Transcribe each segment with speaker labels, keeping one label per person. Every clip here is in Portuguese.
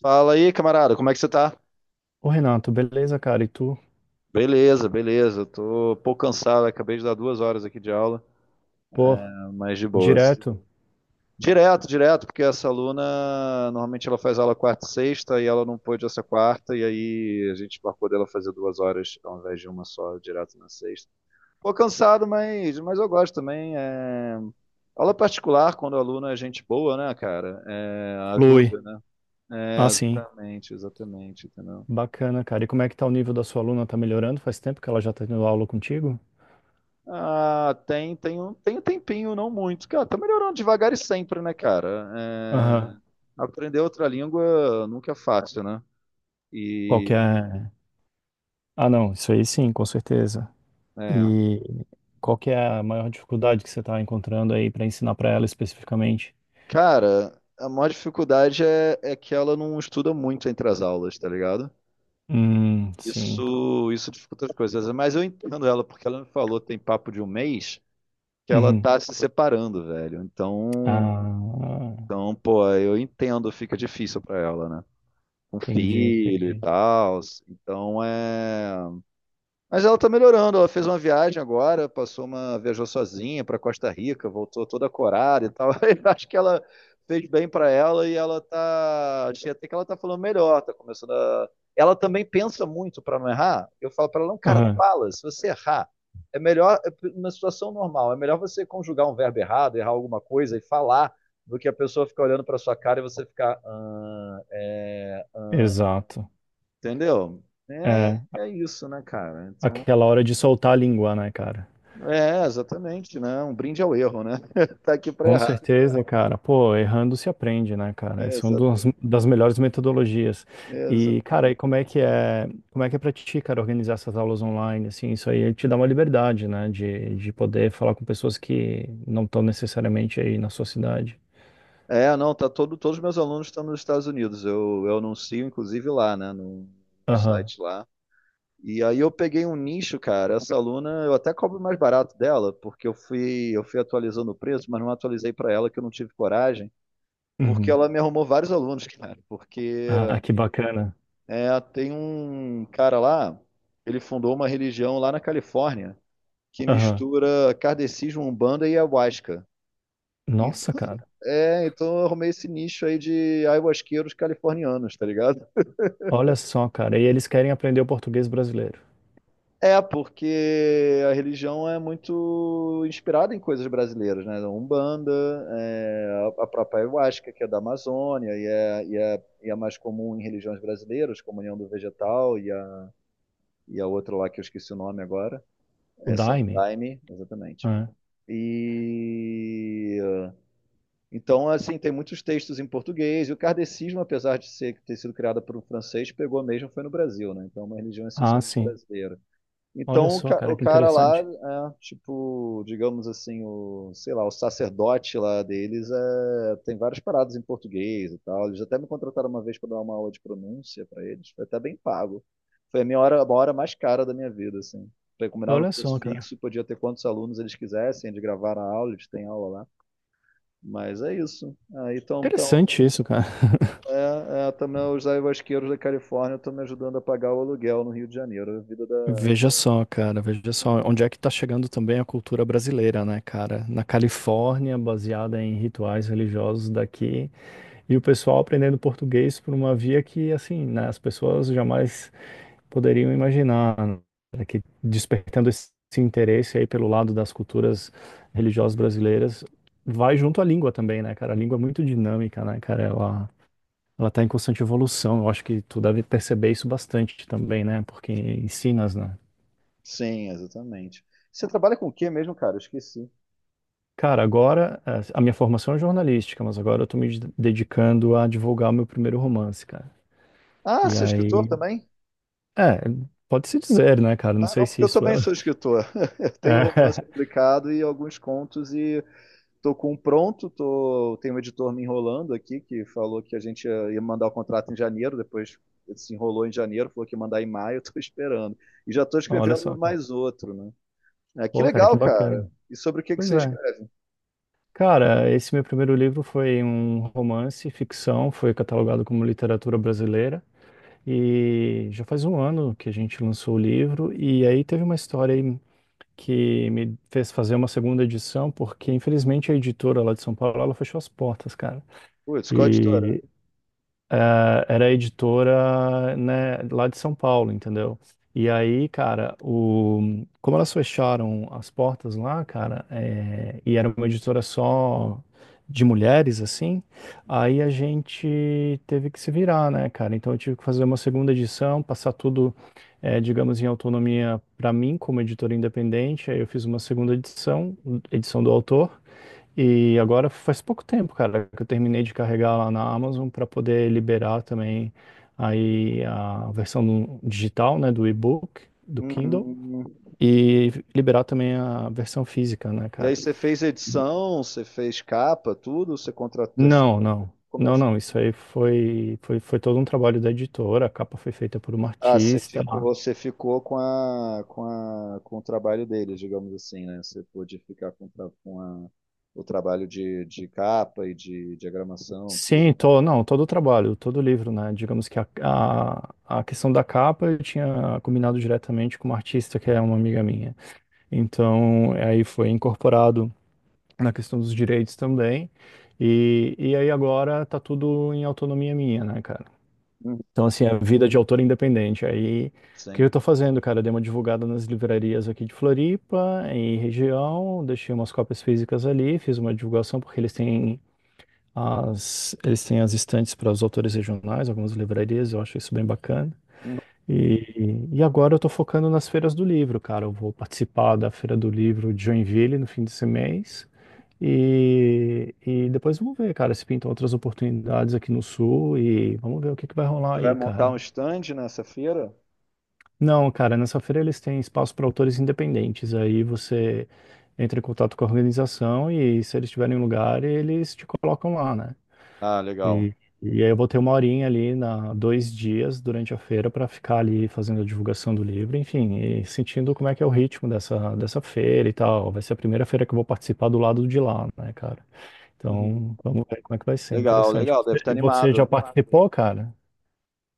Speaker 1: Fala aí, camarada, como é que você tá?
Speaker 2: Ô Renato, beleza, cara? E tu?
Speaker 1: Beleza, beleza. Tô um pouco cansado, acabei de dar 2 horas aqui de aula,
Speaker 2: Pô,
Speaker 1: mas de boas.
Speaker 2: direto?
Speaker 1: Direto, direto, porque essa aluna, normalmente ela faz aula quarta e sexta e ela não pôde essa quarta, e aí a gente marcou dela fazer 2 horas ao invés de uma só, direto na sexta. Pô, cansado, mas eu gosto também. Aula particular, quando o aluno é gente boa, né, cara? É,
Speaker 2: Flui.
Speaker 1: ajuda, né?
Speaker 2: Ah,
Speaker 1: É,
Speaker 2: sim.
Speaker 1: exatamente, exatamente, entendeu?
Speaker 2: Bacana, cara. E como é que tá o nível da sua aluna? Tá melhorando? Faz tempo que ela já tá tendo aula contigo?
Speaker 1: Ah, tem um tempinho, não muito. Cara, tá melhorando devagar e sempre, né, cara? É,
Speaker 2: Aham.
Speaker 1: aprender outra língua nunca é fácil, né?
Speaker 2: Qual que
Speaker 1: E,
Speaker 2: é... Ah, não. Isso aí sim, com certeza.
Speaker 1: é,
Speaker 2: E qual que é a maior dificuldade que você tá encontrando aí pra ensinar pra ela especificamente?
Speaker 1: cara, a maior dificuldade é que ela não estuda muito entre as aulas, tá ligado?
Speaker 2: Sim.
Speaker 1: Isso dificulta as coisas. Mas eu entendo ela, porque ela me falou, tem papo de um mês, que ela
Speaker 2: Uhum.
Speaker 1: tá se separando, velho. Então,
Speaker 2: Ah,
Speaker 1: então, pô, eu entendo, fica difícil pra ela, né? Com
Speaker 2: entendi,
Speaker 1: filho e
Speaker 2: entendi.
Speaker 1: tal. Então é. Mas ela tá melhorando. Ela fez uma viagem agora, passou uma. Viajou sozinha pra Costa Rica, voltou toda corada e tal. Eu acho que ela fez bem pra ela e ela tá. Achei até que ela tá falando melhor, tá começando a. Ela também pensa muito pra não errar. Eu falo pra ela, não, cara,
Speaker 2: Aham.
Speaker 1: fala, se você errar. É melhor, é uma situação normal, é melhor você conjugar um verbo errado, errar alguma coisa e falar, do que a pessoa ficar olhando pra sua cara e você ficar. "Ah, é,
Speaker 2: Exato.
Speaker 1: entendeu? É,
Speaker 2: É,
Speaker 1: é isso, né, cara? Então,
Speaker 2: aquela hora de soltar a língua, né, cara?
Speaker 1: exatamente, né? Um brinde ao erro, né? Tá aqui para
Speaker 2: Com
Speaker 1: errar.
Speaker 2: certeza, cara. Pô, errando se aprende, né, cara? Essa é uma das,
Speaker 1: Exato,
Speaker 2: das melhores metodologias. E,
Speaker 1: exato.
Speaker 2: cara, e como é que é, como é que é pra ti, cara, organizar essas aulas online, assim, isso aí te dá uma liberdade, né, de poder falar com pessoas que não estão necessariamente aí na sua cidade.
Speaker 1: É, não, todos os meus alunos estão nos Estados Unidos. Eu anuncio, inclusive, lá, né? No
Speaker 2: Aham.
Speaker 1: site lá. E aí eu peguei um nicho, cara. Essa aluna, eu até cobro mais barato dela, porque eu fui atualizando o preço, mas não atualizei para ela que eu não tive coragem, porque
Speaker 2: Uhum.
Speaker 1: ela me arrumou vários alunos, cara. Porque
Speaker 2: Ah, que bacana.
Speaker 1: Tem um cara lá, ele fundou uma religião lá na Califórnia que
Speaker 2: Aham.
Speaker 1: mistura kardecismo, umbanda e ayahuasca. Então,
Speaker 2: Nossa, cara.
Speaker 1: então, eu arrumei esse nicho aí de ayahuasqueiros californianos, tá ligado?
Speaker 2: Olha só, cara. E eles querem aprender o português brasileiro.
Speaker 1: É, porque a religião é muito inspirada em coisas brasileiras, né? Umbanda, a própria ayahuasca, que é da Amazônia e é mais comum em religiões brasileiras, como a União do Vegetal e a outra lá que eu esqueci o nome agora.
Speaker 2: O
Speaker 1: É Santo
Speaker 2: Daime.
Speaker 1: Daime, exatamente.
Speaker 2: Né?
Speaker 1: E então, assim, tem muitos textos em português, e o kardecismo, apesar de ser, ter sido criado por um francês, pegou mesmo, foi no Brasil, né? Então, é uma religião
Speaker 2: Ah,
Speaker 1: essencialmente
Speaker 2: sim.
Speaker 1: brasileira.
Speaker 2: Olha
Speaker 1: Então o,
Speaker 2: só,
Speaker 1: ca-
Speaker 2: cara,
Speaker 1: o
Speaker 2: que
Speaker 1: cara lá,
Speaker 2: interessante.
Speaker 1: tipo, digamos assim, o, sei lá, o sacerdote lá deles tem várias paradas em português e tal. Eles até me contrataram uma vez para dar uma aula de pronúncia para eles. Foi até bem pago. Foi a minha hora, uma hora mais cara da minha vida, assim. Foi Combinava um
Speaker 2: Olha só,
Speaker 1: preço
Speaker 2: cara.
Speaker 1: fixo, podia ter quantos alunos eles quisessem, eles gravaram a aula, eles têm aula lá. Mas é isso. Aí então, então
Speaker 2: Interessante isso, cara.
Speaker 1: é, é, também os ayahuasqueiros da Califórnia estão me ajudando a pagar o aluguel no Rio de Janeiro. A vida da.
Speaker 2: Veja só, cara, veja só onde é que tá chegando também a cultura brasileira, né, cara? Na Califórnia, baseada em rituais religiosos daqui, e o pessoal aprendendo português por uma via que, assim, né, as pessoas jamais poderiam imaginar, né, que despertando esse interesse aí pelo lado das culturas religiosas brasileiras, vai junto à língua também, né, cara? A língua é muito dinâmica, né, cara? Ela tá em constante evolução. Eu acho que tu deve perceber isso bastante também, né? Porque ensinas, né?
Speaker 1: Sim, exatamente. Você trabalha com o quê mesmo, cara? Eu esqueci.
Speaker 2: Cara, agora a minha formação é jornalística, mas agora eu tô dedicando a divulgar o meu primeiro romance, cara.
Speaker 1: Ah,
Speaker 2: E
Speaker 1: você é escritor
Speaker 2: aí,
Speaker 1: também?
Speaker 2: é, pode-se dizer, né, cara? Não
Speaker 1: Ah, não,
Speaker 2: sei
Speaker 1: porque
Speaker 2: se
Speaker 1: eu
Speaker 2: isso é.
Speaker 1: também sou escritor. Eu tenho um romance publicado e alguns contos e tô com um pronto, tem um editor me enrolando aqui que falou que a gente ia mandar o contrato em janeiro, depois ele se enrolou em janeiro, falou que ia mandar em maio, eu tô esperando. E já tô
Speaker 2: É, olha
Speaker 1: escrevendo
Speaker 2: só, cara.
Speaker 1: mais outro, né? É, que
Speaker 2: Pô, cara,
Speaker 1: legal,
Speaker 2: que
Speaker 1: cara.
Speaker 2: bacana.
Speaker 1: E sobre o que que
Speaker 2: Pois
Speaker 1: você
Speaker 2: é.
Speaker 1: escreve?
Speaker 2: Cara, esse meu primeiro livro foi um romance, ficção, foi catalogado como literatura brasileira. E já faz um ano que a gente lançou o livro, e aí teve uma história aí que me fez fazer uma segunda edição, porque infelizmente a editora lá de São Paulo, ela fechou as portas, cara.
Speaker 1: Putz, qual editora?
Speaker 2: E eh, era editora, né, lá de São Paulo, entendeu? E aí, cara, o... como elas fecharam as portas lá, cara, e era uma editora só de mulheres, assim, aí a gente teve que se virar, né, cara? Então eu tive que fazer uma segunda edição, passar tudo, digamos, em autonomia para mim, como editora independente. Aí eu fiz uma segunda edição, edição do autor. E agora faz pouco tempo, cara, que eu terminei de carregar lá na Amazon para poder liberar também aí a versão no- digital, né, do e-book, do Kindle,
Speaker 1: Uhum.
Speaker 2: e liberar também a versão física, né,
Speaker 1: E aí
Speaker 2: cara?
Speaker 1: você fez
Speaker 2: E-
Speaker 1: edição, você fez capa, tudo? Você contratou terceiro?
Speaker 2: Não, não.
Speaker 1: Como é que
Speaker 2: Não,
Speaker 1: você
Speaker 2: não,
Speaker 1: fez?
Speaker 2: isso aí foi todo um trabalho da editora, a capa foi feita por uma
Speaker 1: Ah, você
Speaker 2: artista.
Speaker 1: ficou,
Speaker 2: Ah.
Speaker 1: você ficou com a, com a, com o trabalho deles, digamos assim, né? Você pôde ficar com o trabalho de capa e de diagramação,
Speaker 2: Sim,
Speaker 1: tudo.
Speaker 2: to, não, todo o trabalho, todo o livro, né? Digamos que a questão da capa eu tinha combinado diretamente com uma artista que é uma amiga minha. Então, aí foi incorporado na questão dos direitos também. E aí agora tá tudo em autonomia minha, né, cara?
Speaker 1: Uhum.
Speaker 2: Então, assim, a vida de autor independente. Aí, o que eu
Speaker 1: Sim.
Speaker 2: tô fazendo, cara? Eu dei uma divulgada nas livrarias aqui de Floripa e região, deixei umas cópias físicas ali, fiz uma divulgação porque eles têm as estantes para os autores regionais, algumas livrarias, eu acho isso bem bacana.
Speaker 1: Uhum.
Speaker 2: E agora eu tô focando nas feiras do livro, cara. Eu vou participar da Feira do Livro de Joinville no fim desse mês. E depois vamos ver, cara, se pintam outras oportunidades aqui no Sul e vamos ver o que que vai
Speaker 1: Você
Speaker 2: rolar
Speaker 1: vai
Speaker 2: aí,
Speaker 1: montar um
Speaker 2: cara.
Speaker 1: stand nessa feira?
Speaker 2: Não, cara, nessa feira eles têm espaço para autores independentes. Aí você entra em contato com a organização e se eles tiverem lugar, eles te colocam lá, né?
Speaker 1: Ah, legal.
Speaker 2: E, e aí eu vou ter uma horinha ali, na, dois dias durante a feira para ficar ali fazendo a divulgação do livro, enfim, e sentindo como é que é o ritmo dessa, dessa feira e tal. Vai ser a primeira feira que eu vou participar do lado de lá, né, cara?
Speaker 1: Uhum.
Speaker 2: Então, vamos ver como é que vai ser,
Speaker 1: Legal,
Speaker 2: interessante.
Speaker 1: legal. Deve
Speaker 2: Você-
Speaker 1: estar
Speaker 2: E você
Speaker 1: animado,
Speaker 2: já
Speaker 1: né?
Speaker 2: participou, cara?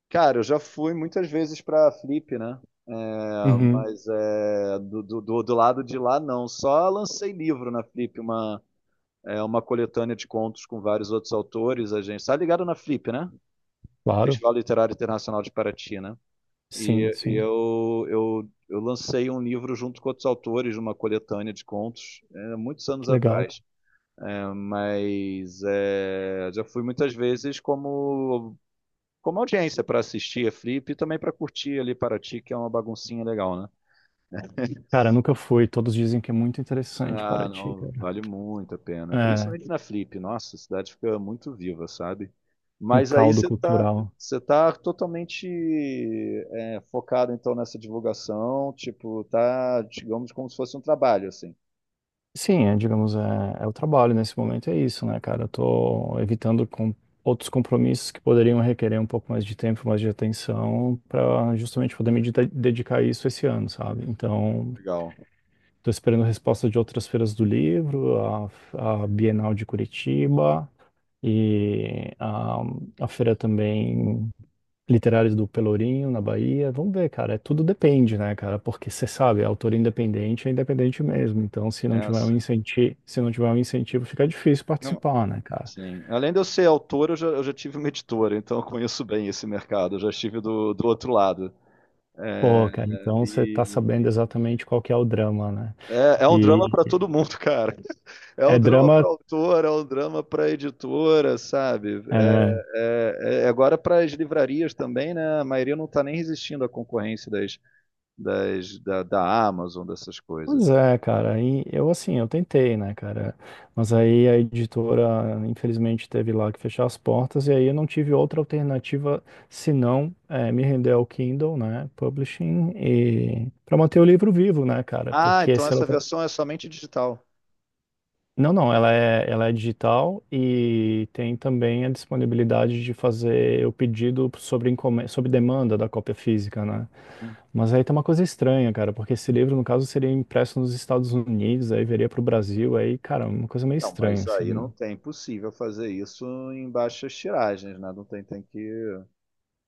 Speaker 1: Cara, eu já fui muitas vezes para a Flip, né? É,
Speaker 2: Uhum,
Speaker 1: mas do lado de lá, não. Só lancei livro na Flip, uma coletânea de contos com vários outros autores. A gente tá ligado na Flip, né?
Speaker 2: claro,
Speaker 1: Festival Literário Internacional de Paraty, né? E
Speaker 2: sim, sim.
Speaker 1: eu, eu, eu lancei um livro junto com outros autores, de uma coletânea de contos, muitos anos
Speaker 2: Que legal.
Speaker 1: atrás. É, mas é, já fui muitas vezes como, como audiência para assistir a Flip e também para curtir ali Paraty, que é uma baguncinha legal, né?
Speaker 2: Cara, nunca fui. Todos dizem que é muito interessante
Speaker 1: Ah,
Speaker 2: para ti,
Speaker 1: não,
Speaker 2: cara.
Speaker 1: vale muito a pena.
Speaker 2: É,
Speaker 1: Principalmente na Flip, nossa, a cidade fica muito viva, sabe?
Speaker 2: um
Speaker 1: Mas aí
Speaker 2: caldo
Speaker 1: você tá,
Speaker 2: cultural.
Speaker 1: você tá totalmente focado então nessa divulgação, tipo, tá, digamos, como se fosse um trabalho, assim.
Speaker 2: Sim, é, digamos, é, é o trabalho nesse momento, é isso, né, cara? Eu tô evitando com outros compromissos que poderiam requerer um pouco mais de tempo, mais de atenção, para justamente poder dedicar a isso esse ano, sabe? Então,
Speaker 1: Legal.
Speaker 2: tô esperando resposta de outras feiras do livro, a Bienal de Curitiba e a feira também literários do Pelourinho, na Bahia. Vamos ver, cara. É, tudo depende, né, cara? Porque você sabe, é autor independente é independente mesmo. Então, se não
Speaker 1: É,
Speaker 2: tiver um
Speaker 1: sim.
Speaker 2: incentivo, se não tiver um incentivo, fica difícil
Speaker 1: Não,
Speaker 2: participar, né, cara?
Speaker 1: sim. Além de eu ser autor, eu já tive uma editora, então eu conheço bem esse mercado, eu já estive do outro lado. É,
Speaker 2: Pô, cara, então você tá
Speaker 1: e
Speaker 2: sabendo exatamente qual que é o drama, né?
Speaker 1: é um drama
Speaker 2: E
Speaker 1: para todo mundo, cara. É um
Speaker 2: é
Speaker 1: drama para
Speaker 2: drama.
Speaker 1: autor, é um drama para editora, sabe? É,
Speaker 2: É,
Speaker 1: é- é agora para as livrarias também, né? A maioria não está nem resistindo à concorrência da Amazon, dessas coisas.
Speaker 2: pois é, cara, aí eu assim, eu tentei, né, cara, mas aí a editora, infelizmente, teve lá que fechar as portas, e aí eu não tive outra alternativa senão me render ao Kindle, né, Publishing, e para manter o livro vivo, né, cara,
Speaker 1: Ah,
Speaker 2: porque
Speaker 1: então
Speaker 2: se
Speaker 1: essa
Speaker 2: ela...
Speaker 1: versão é somente digital.
Speaker 2: Não, não, ela é digital e tem também a disponibilidade de fazer o pedido sobre demanda da cópia física, né, mas aí tem uma coisa estranha, cara, porque esse livro, no caso, seria impresso nos Estados Unidos, aí viria pro Brasil, aí, cara, uma coisa meio
Speaker 1: Não,
Speaker 2: estranha,
Speaker 1: mas
Speaker 2: assim,
Speaker 1: aí não
Speaker 2: mano.
Speaker 1: tem possível fazer isso em baixas tiragens, né? Não tem, tem que.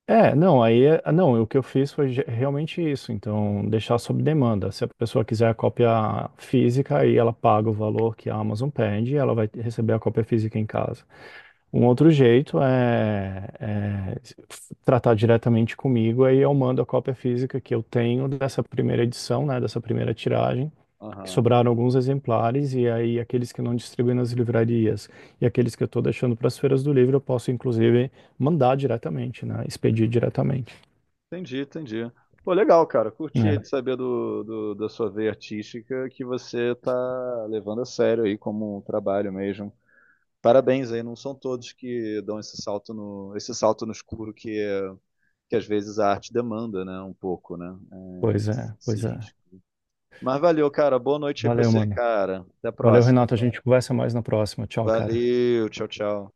Speaker 2: É, não, aí, é- ah, não, o que eu fiz foi realmente isso, então, deixar sob demanda. Se a pessoa quiser a cópia física, aí ela paga o valor que a Amazon pede e ela vai receber a cópia física em casa. Um outro jeito é, é tratar diretamente comigo, aí eu mando a cópia física que eu tenho dessa primeira edição, né, dessa primeira tiragem, que
Speaker 1: Aham.
Speaker 2: sobraram alguns exemplares, e aí aqueles que não distribuem nas livrarias e aqueles que eu estou deixando para as feiras do livro, eu posso inclusive mandar diretamente, né? Expedir diretamente.
Speaker 1: Entendi, entendi. Pô, legal, cara. Curti
Speaker 2: É,
Speaker 1: de saber da sua veia artística que você tá levando a sério aí como um trabalho mesmo. Parabéns aí, não são todos que dão esse salto no escuro que às vezes a arte demanda, né? Um pouco, né? É,
Speaker 2: pois é,
Speaker 1: esse
Speaker 2: pois é.
Speaker 1: risco. Mas valeu, cara. Boa noite aí pra
Speaker 2: Valeu,
Speaker 1: você,
Speaker 2: mano.
Speaker 1: cara. Até a
Speaker 2: Valeu,
Speaker 1: próxima.
Speaker 2: Renato. A gente conversa mais na próxima. Tchau, cara.
Speaker 1: Valeu, tchau, tchau.